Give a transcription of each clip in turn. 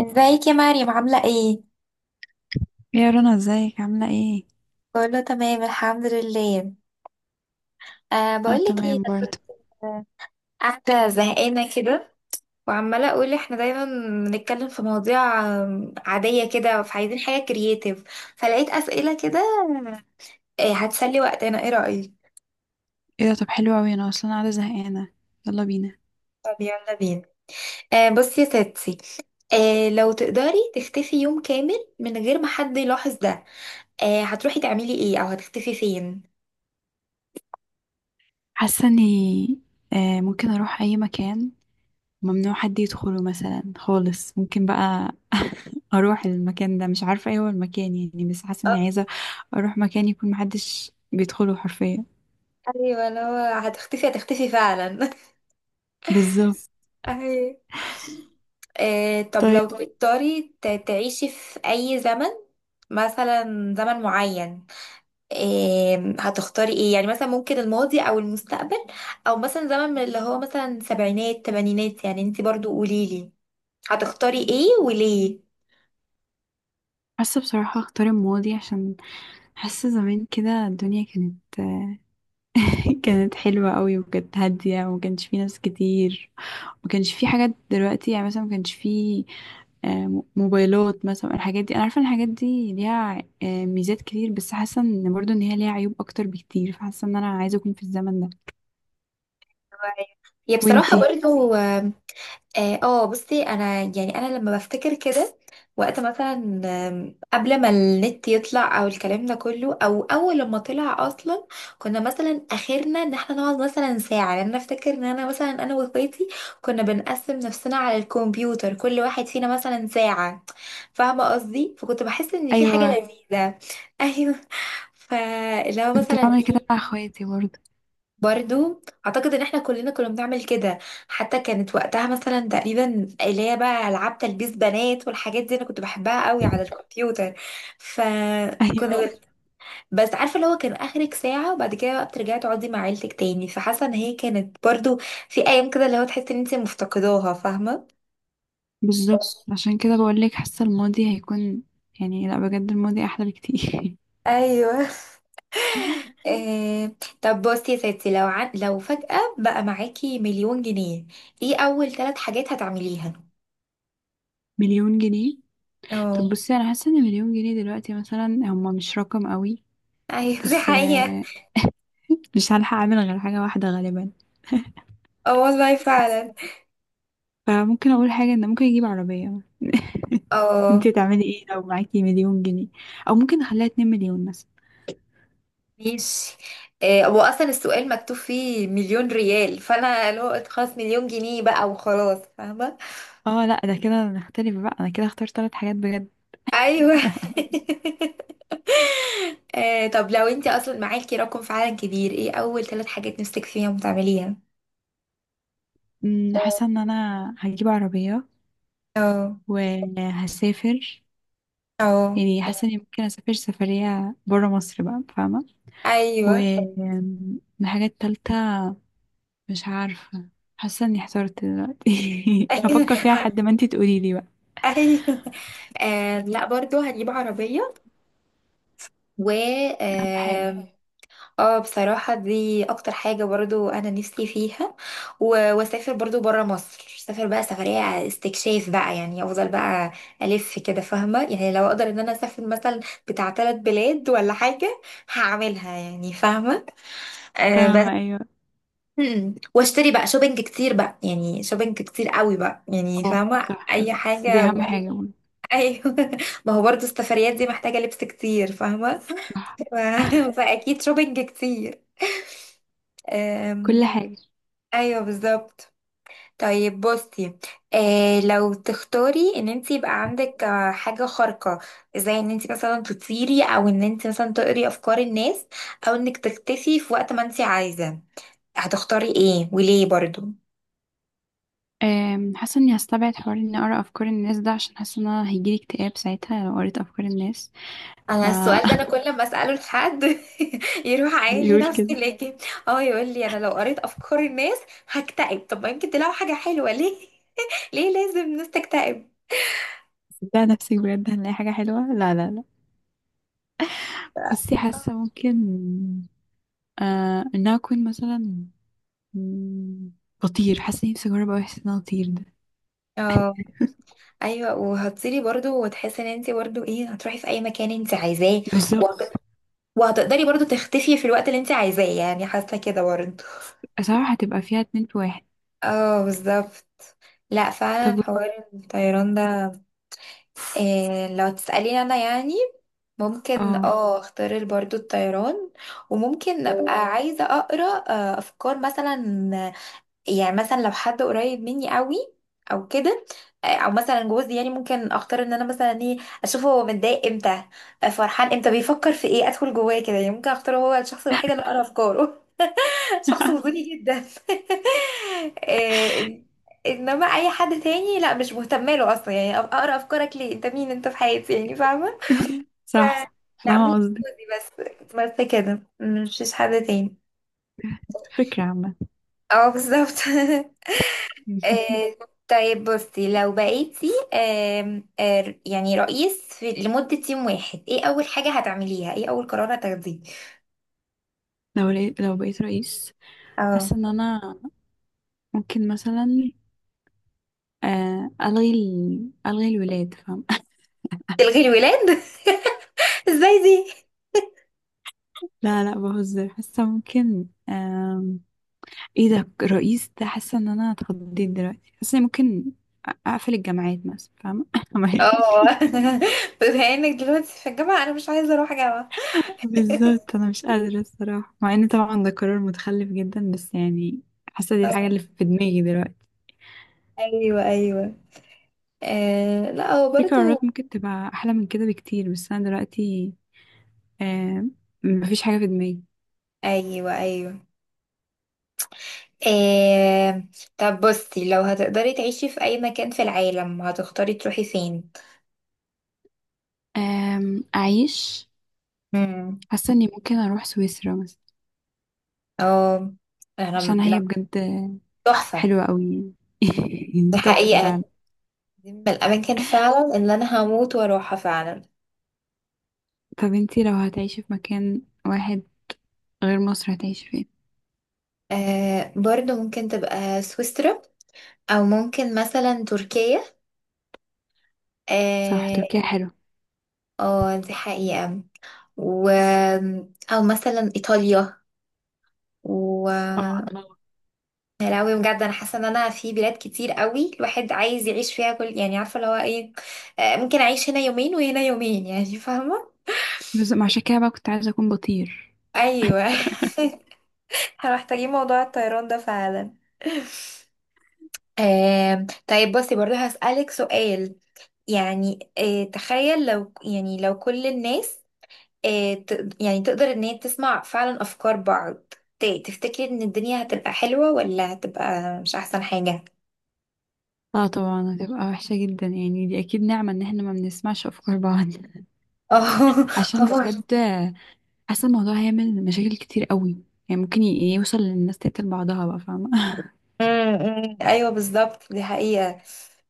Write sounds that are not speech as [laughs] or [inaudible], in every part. ازيك يا مريم عاملة ايه؟ يا رنا، ازيك عاملة ايه؟ كله تمام الحمد لله. اه، بقولك ايه. تمام انا برضه. كنت قاعدة زهقانة كده، وعمالة اقول احنا دايما بنتكلم في مواضيع عادية كده، فعايزين حاجة كرييتيف، فلقيت اسئلة كده هتسلي وقتنا، ايه رأيك؟ ايه ده؟ طب حلو اوي، انا اصلا قاعدة زهقانة، يلا بينا. طب يلا بينا. بصي يا ستي، لو تقدري تختفي يوم كامل من غير ما حد يلاحظ ده، هتروحي تعملي ايه او هتختفي فين؟ حاسة اني ممكن اروح اي مكان ممنوع حد يدخله مثلا خالص، ممكن بقى. [laughs] اروح المكان ده، مش عارفة ايه هو المكان يعني، بس حاسة اني آه، عايزة اروح مكان يكون محدش بيدخله حرفيا. ايوه، لو هتختفي هتختفي فعلا [laughs] بالظبط. أهي. طب طيب، لو تقدري تعيشي في أي زمن، مثلا زمن معين، هتختاري ايه؟ يعني مثلا ممكن الماضي أو المستقبل، أو مثلا زمن من اللي هو مثلا سبعينات تمانينات، يعني انتي برضو قوليلي هتختاري ايه وليه. حاسة بصراحة اختار الماضي، عشان حاسة زمان كده الدنيا كانت [laughs] كانت حلوة قوي، وكانت هادية، وما كانش فيه ناس كتير. ما كانش فيه حاجات دلوقتي، يعني مثلا ما كانش فيه موبايلات مثلا. الحاجات دي، انا عارفة ان الحاجات دي ليها ميزات كتير، بس حاسة ان برضو ان هي ليها عيوب اكتر بكتير، فحاسة ان انا عايزة اكون في الزمن ده. هي بصراحة وانتي؟ برضو اه. بصي انا، يعني انا لما بفتكر كده وقت مثلا قبل ما النت يطلع او الكلام ده كله، او اول لما طلع اصلا، كنا مثلا اخرنا ان احنا نقعد مثلا ساعه، لان انا افتكر ان انا مثلا واخواتي كنا بنقسم نفسنا على الكمبيوتر، كل واحد فينا مثلا ساعه، فاهمه قصدي. فكنت بحس ان في حاجه ايوه، لذيذه [laughs] ايوه، فلو كنت مثلا بعمل كده ايه، مع اخواتي برضو. برضو اعتقد ان احنا كلنا كنا بنعمل كده. حتى كانت وقتها مثلا تقريبا اللي هي بقى العاب تلبيس بنات والحاجات دي، انا كنت بحبها قوي على [laughs] الكمبيوتر، فكنا ايوه، أيوة. بس عارفه اللي هو كان اخرك ساعه، وبعد كده بقى بترجعي تقعدي مع عيلتك تاني، فحاسه ان هي كانت برضو في ايام كده اللي هو تحسي ان انت مفتقداها فاهمه. بالظبط. عشان كده بقول لك حاسة الماضي هيكون، يعني لا، بجد الماضي احلى بكتير. ايوه. آه، طب بصي يا ستي، لو فجأة بقى معاكي 1,000,000 جنيه، ايه اول 3 حاجات هتعمليها؟ [laughs] مليون جنيه؟ طب اه. بصي، انا حاسه ان مليون جنيه دلوقتي مثلا هما مش رقم قوي، ايوه دي بس حقيقة. مش هلحق اعمل غير حاجة واحدة غالبا. اه والله بس فعلا. فممكن اقول حاجة، ان ممكن اجيب عربية. [laughs] اه انتي تعملي ايه لو معاكي مليون جنيه؟ او ممكن اخليها 2 مليون مثلا. ماشي. هو اصلا السؤال مكتوب فيه 1,000,000 ريال، فانا اللي هو خلاص 1,000,000 جنيه بقى وخلاص فاهمه. اه لا، ده كده نختلف بقى، انا كده اختار ثلاث حاجات بجد. ايوه [laughs] [laughs] طب لو انت اصلا معاكي رقم فعلا كبير، ايه اول ثلاث حاجات نفسك فيهم تعمليها؟ آه، حاسة ان انا هجيب عربية اه. وهسافر، اه. يعني حاسة اني ممكن اسافر سفرية برا مصر بقى، فاهمة؟ و ايوه [laughs] الحاجة التالتة مش عارفة. حاسة اني احترت دلوقتي. [laughs] هفكر فيها آه. لحد ما انتي تقولي لي بقى. ايوه. آه، لا برضو هجيب عربية، و اهم حاجة. آه، اه بصراحة دي اكتر حاجة برضو انا نفسي فيها، واسافر برضو برا مصر، اسافر بقى سفرية استكشاف بقى، يعني افضل بقى الف كده فاهمة. يعني لو اقدر ان انا اسافر مثلا بتاع 3 بلاد ولا حاجة هعملها يعني فاهمة. بس فاهمة أيوة. واشتري بقى شوبينج كتير بقى، يعني شوبينج كتير قوي بقى، يعني اه فاهمة صح، اي دي حاجة أهم حاجة برضه. ايوه [laughs] ما هو برضو السفريات دي محتاجة لبس كتير فاهمة [laughs] صح، ف- فاكيد شوبينج كتير. كل حاجة. ايوه بالظبط. طيب بصي، لو تختاري ان انت يبقى عندك حاجه خارقه، زي ان انت مثلا تطيري، او ان انت مثلا تقري افكار الناس، او انك تختفي في وقت ما انت عايزه، هتختاري ايه وليه برضو. حاسة إني هستبعد حوار إني أقرأ أفكار الناس ده، عشان حاسة إن أنا هيجيلي اكتئاب ساعتها لو قريت أفكار الناس. ف انا السؤال ده انا [laughs] كل ما اساله لحد [laughs] يروح عايل لي بيقول نفسي، كده. لكن [laughs] اه يقول لي انا لو قريت افكار الناس هكتئب. طب ما يمكن تلاقوا حاجه حلوه ليه. [laughs] ليه لازم الناس تكتئب؟ صدق نفسك، بجد هنلاقي حاجة حلوة. لا لا لا. بصي، حاسة ممكن إن أنا أكون مثلا مم، بطير. حاسة نفسي أجرب أوي إحساس إن أنا أطير ده. اه ايوه، وهتطيري برضو وتحسي ان انت برضو ايه هتروحي في اي مكان انت عايزاه، بالظبط. وهت- وهتقدري برضو تختفي في الوقت اللي انت عايزاه، يعني حاسه كده برضو. صراحة هتبقى فيها اتنين في واحد. اه بالظبط. لا طب فعلا حوار الطيران ده، إيه لو تسأليني انا يعني ممكن اه. اه اختار برضو الطيران، وممكن ابقى عايزة اقرا افكار مثلا، يعني مثلا لو حد قريب مني قوي او كده، او مثلا جوزي يعني ممكن اختار ان انا مثلا ايه اشوفه هو متضايق امتى، فرحان امتى، بيفكر في ايه، ادخل جواه كده يعني ممكن اختاره هو الشخص الوحيد اللي اقرا افكاره [laughs] شخص [laughs] وجودي جدا [laughs] إيه، انما اي حد تاني لا مش مهتمه له اصلا، يعني اقرا افكارك ليه؟ انت مين؟ انت في حياتي يعني فاهمه. ف... صح، لا فاهمة ممكن قصدك. جوزي بس كده، مش حد تاني. فكرة عامة. اه بالظبط [laughs] [laughs] آه، طيب بصي لو بقيتي آم، آه، يعني رئيس في لمدة 1 يوم، ايه أول حاجة هتعمليها؟ ايه أول قرار هتاخديه؟ لو لقيت، لو بقيت رئيس، اه حاسة ان انا ممكن مثلا الغي الغي الولاد، فاهم؟ تلغي الولاد؟ [laughs] ازاي دي؟ [laughs] لا لا، بهزر. حاسة ممكن ايه ده رئيس ده؟ حاسة ان انا اتخضيت دلوقتي. حاسة إني ممكن اقفل الجامعات مثلا، فاهمة؟ [laughs] اه [laughs] بما انك دلوقتي في الجامعة أنا مش عايزة أروح جامعة. بالظبط، انا مش قادرة الصراحة، مع ان طبعا ده قرار متخلف جدا، بس يعني حاسة دي الحاجة اه اللي في دماغي دلوقتي. أيوه أيوه. آه لا هو في برضو قرارات ممكن تبقى احلى من كده بكتير، بس انا دلوقتي آه، مفيش حاجة في دماغي. أيوه أيوه. آه طب بصي لو هتقدري تعيشي في أي مكان في العالم هتختاري تروحي فين؟ أعيش. امم، حاسة إني ممكن أروح سويسرا مثلا، اه. أنا عشان هي لا، بجد تحفة. حلوة أوي. دي [laughs] تحفة فعلا. حقيقة. دي من الأماكن فعلا اللي أنا هموت وأروحها فعلا. طب انتي لو هتعيشي في مكان واحد غير مصر هتعيشي فين؟ برضو ممكن تبقى سويسرا، أو ممكن مثلا تركيا. صح، اه، تركيا حلوة. دي حقيقة، و... أو مثلا إيطاليا، و اه الله. يا لهوي بجد أنا حاسة إن أنا في بلاد كتير قوي الواحد عايز يعيش فيها كل، يعني عارفة اللي هو إيه، ممكن أعيش هنا يومين وهنا يومين، يعني فاهمة؟ بس ما عشان كده بقى كنت عايزة أكون بطير. أيوه [laughs] احنا محتاجين موضوع الطيران ده فعلا [laughs] طيب بصي برضه هسألك سؤال، يعني تخيل لو، يعني لو كل الناس يعني تقدر ان هي تسمع فعلا افكار بعض، تفتكري ان الدنيا هتبقى حلوة ولا هتبقى مش احسن حاجة؟ اه طبعا، هتبقى وحشة جدا، يعني دي أكيد نعمة إن احنا ما بنسمعش أفكار بعض. [laughs] [laughs] اه. عشان بجد حاسة الموضوع هيعمل مشاكل كتير أوي. يعني ممكن يوصل للناس تقتل بعضها بقى، فاهمة؟ أمم، أمم، [laughs] ايوه بالظبط دي حقيقة.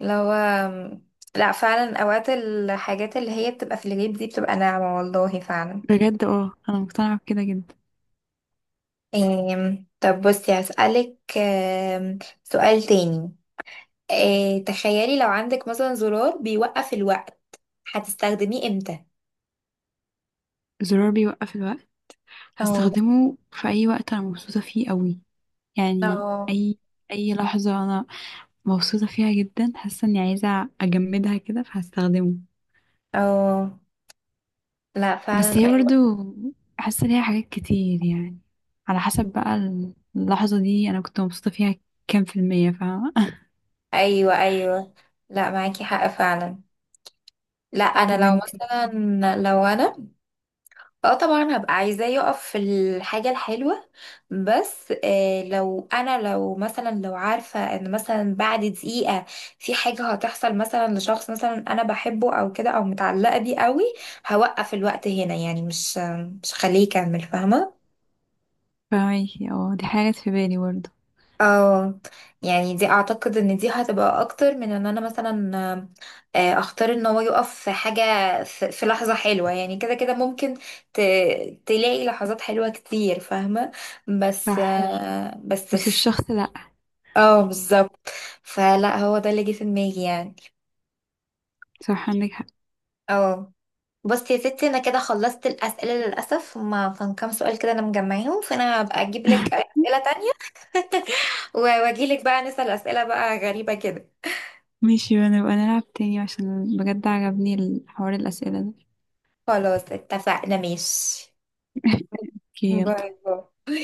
لو لا فعلا اوقات الحاجات اللي هي بتبقى في الغيب دي بتبقى ناعمة والله فعلا. [laughs] بجد اه، أنا مقتنعة بكده جدا. طب بصي هسألك سؤال تاني، إيه تخيلي لو عندك مثلا زرار بيوقف الوقت هتستخدميه امتى؟ الزرار بيوقف الوقت. اه. هستخدمه في اي وقت انا مبسوطه فيه قوي، يعني اه. اي لحظه انا مبسوطه فيها جدا، حاسه اني عايزه اجمدها كده فهستخدمه. اه لا بس فعلا هي برضو ايوه. حاسه ليها حاجات كتير، يعني على حسب بقى اللحظه دي انا كنت مبسوطه فيها كام في الميه، فاهمه؟ ايوه ايوه. لا معاكي حق فعلا. لا [laughs] طب انا لو انتي؟ مثلا، لو انا اه طبعا هبقى عايزاه يقف في الحاجة الحلوة. بس آه لو انا، لو مثلا لو عارفة ان مثلا بعد دقيقة في حاجة هتحصل مثلا لشخص مثلا انا بحبه او كده، او متعلقة بيه قوي، هوقف الوقت هنا يعني، مش خليه يكمل فاهمة. فاهمكي، اه دي حاجات في بالي برضو. اه يعني دي اعتقد ان دي هتبقى اكتر من ان انا مثلا اختار ان هو يقف في حاجة في لحظة حلوة يعني، كده كده ممكن ت... تلاقي لحظات حلوة كتير فاهمة، بس صح، بس الشخص لا. اه بالظبط، فلا هو ده اللي جه في دماغي يعني. صح، عندك حق. اه. بس يا ستي انا كده خلصت الاسئله للاسف، ما كان كام سؤال كده انا مجمعاهم، فانا هبقى اجيب لك [laughs] اسئله تانية، واجي لك بقى نسال اسئله بقى غريبه كده. ماشي بقى، نبقى نلعب تاني عشان بجد عجبني الحوار الاسئله ده. خلاص اتفقنا ماشي. [laughs] اوكي يلا. باي باي.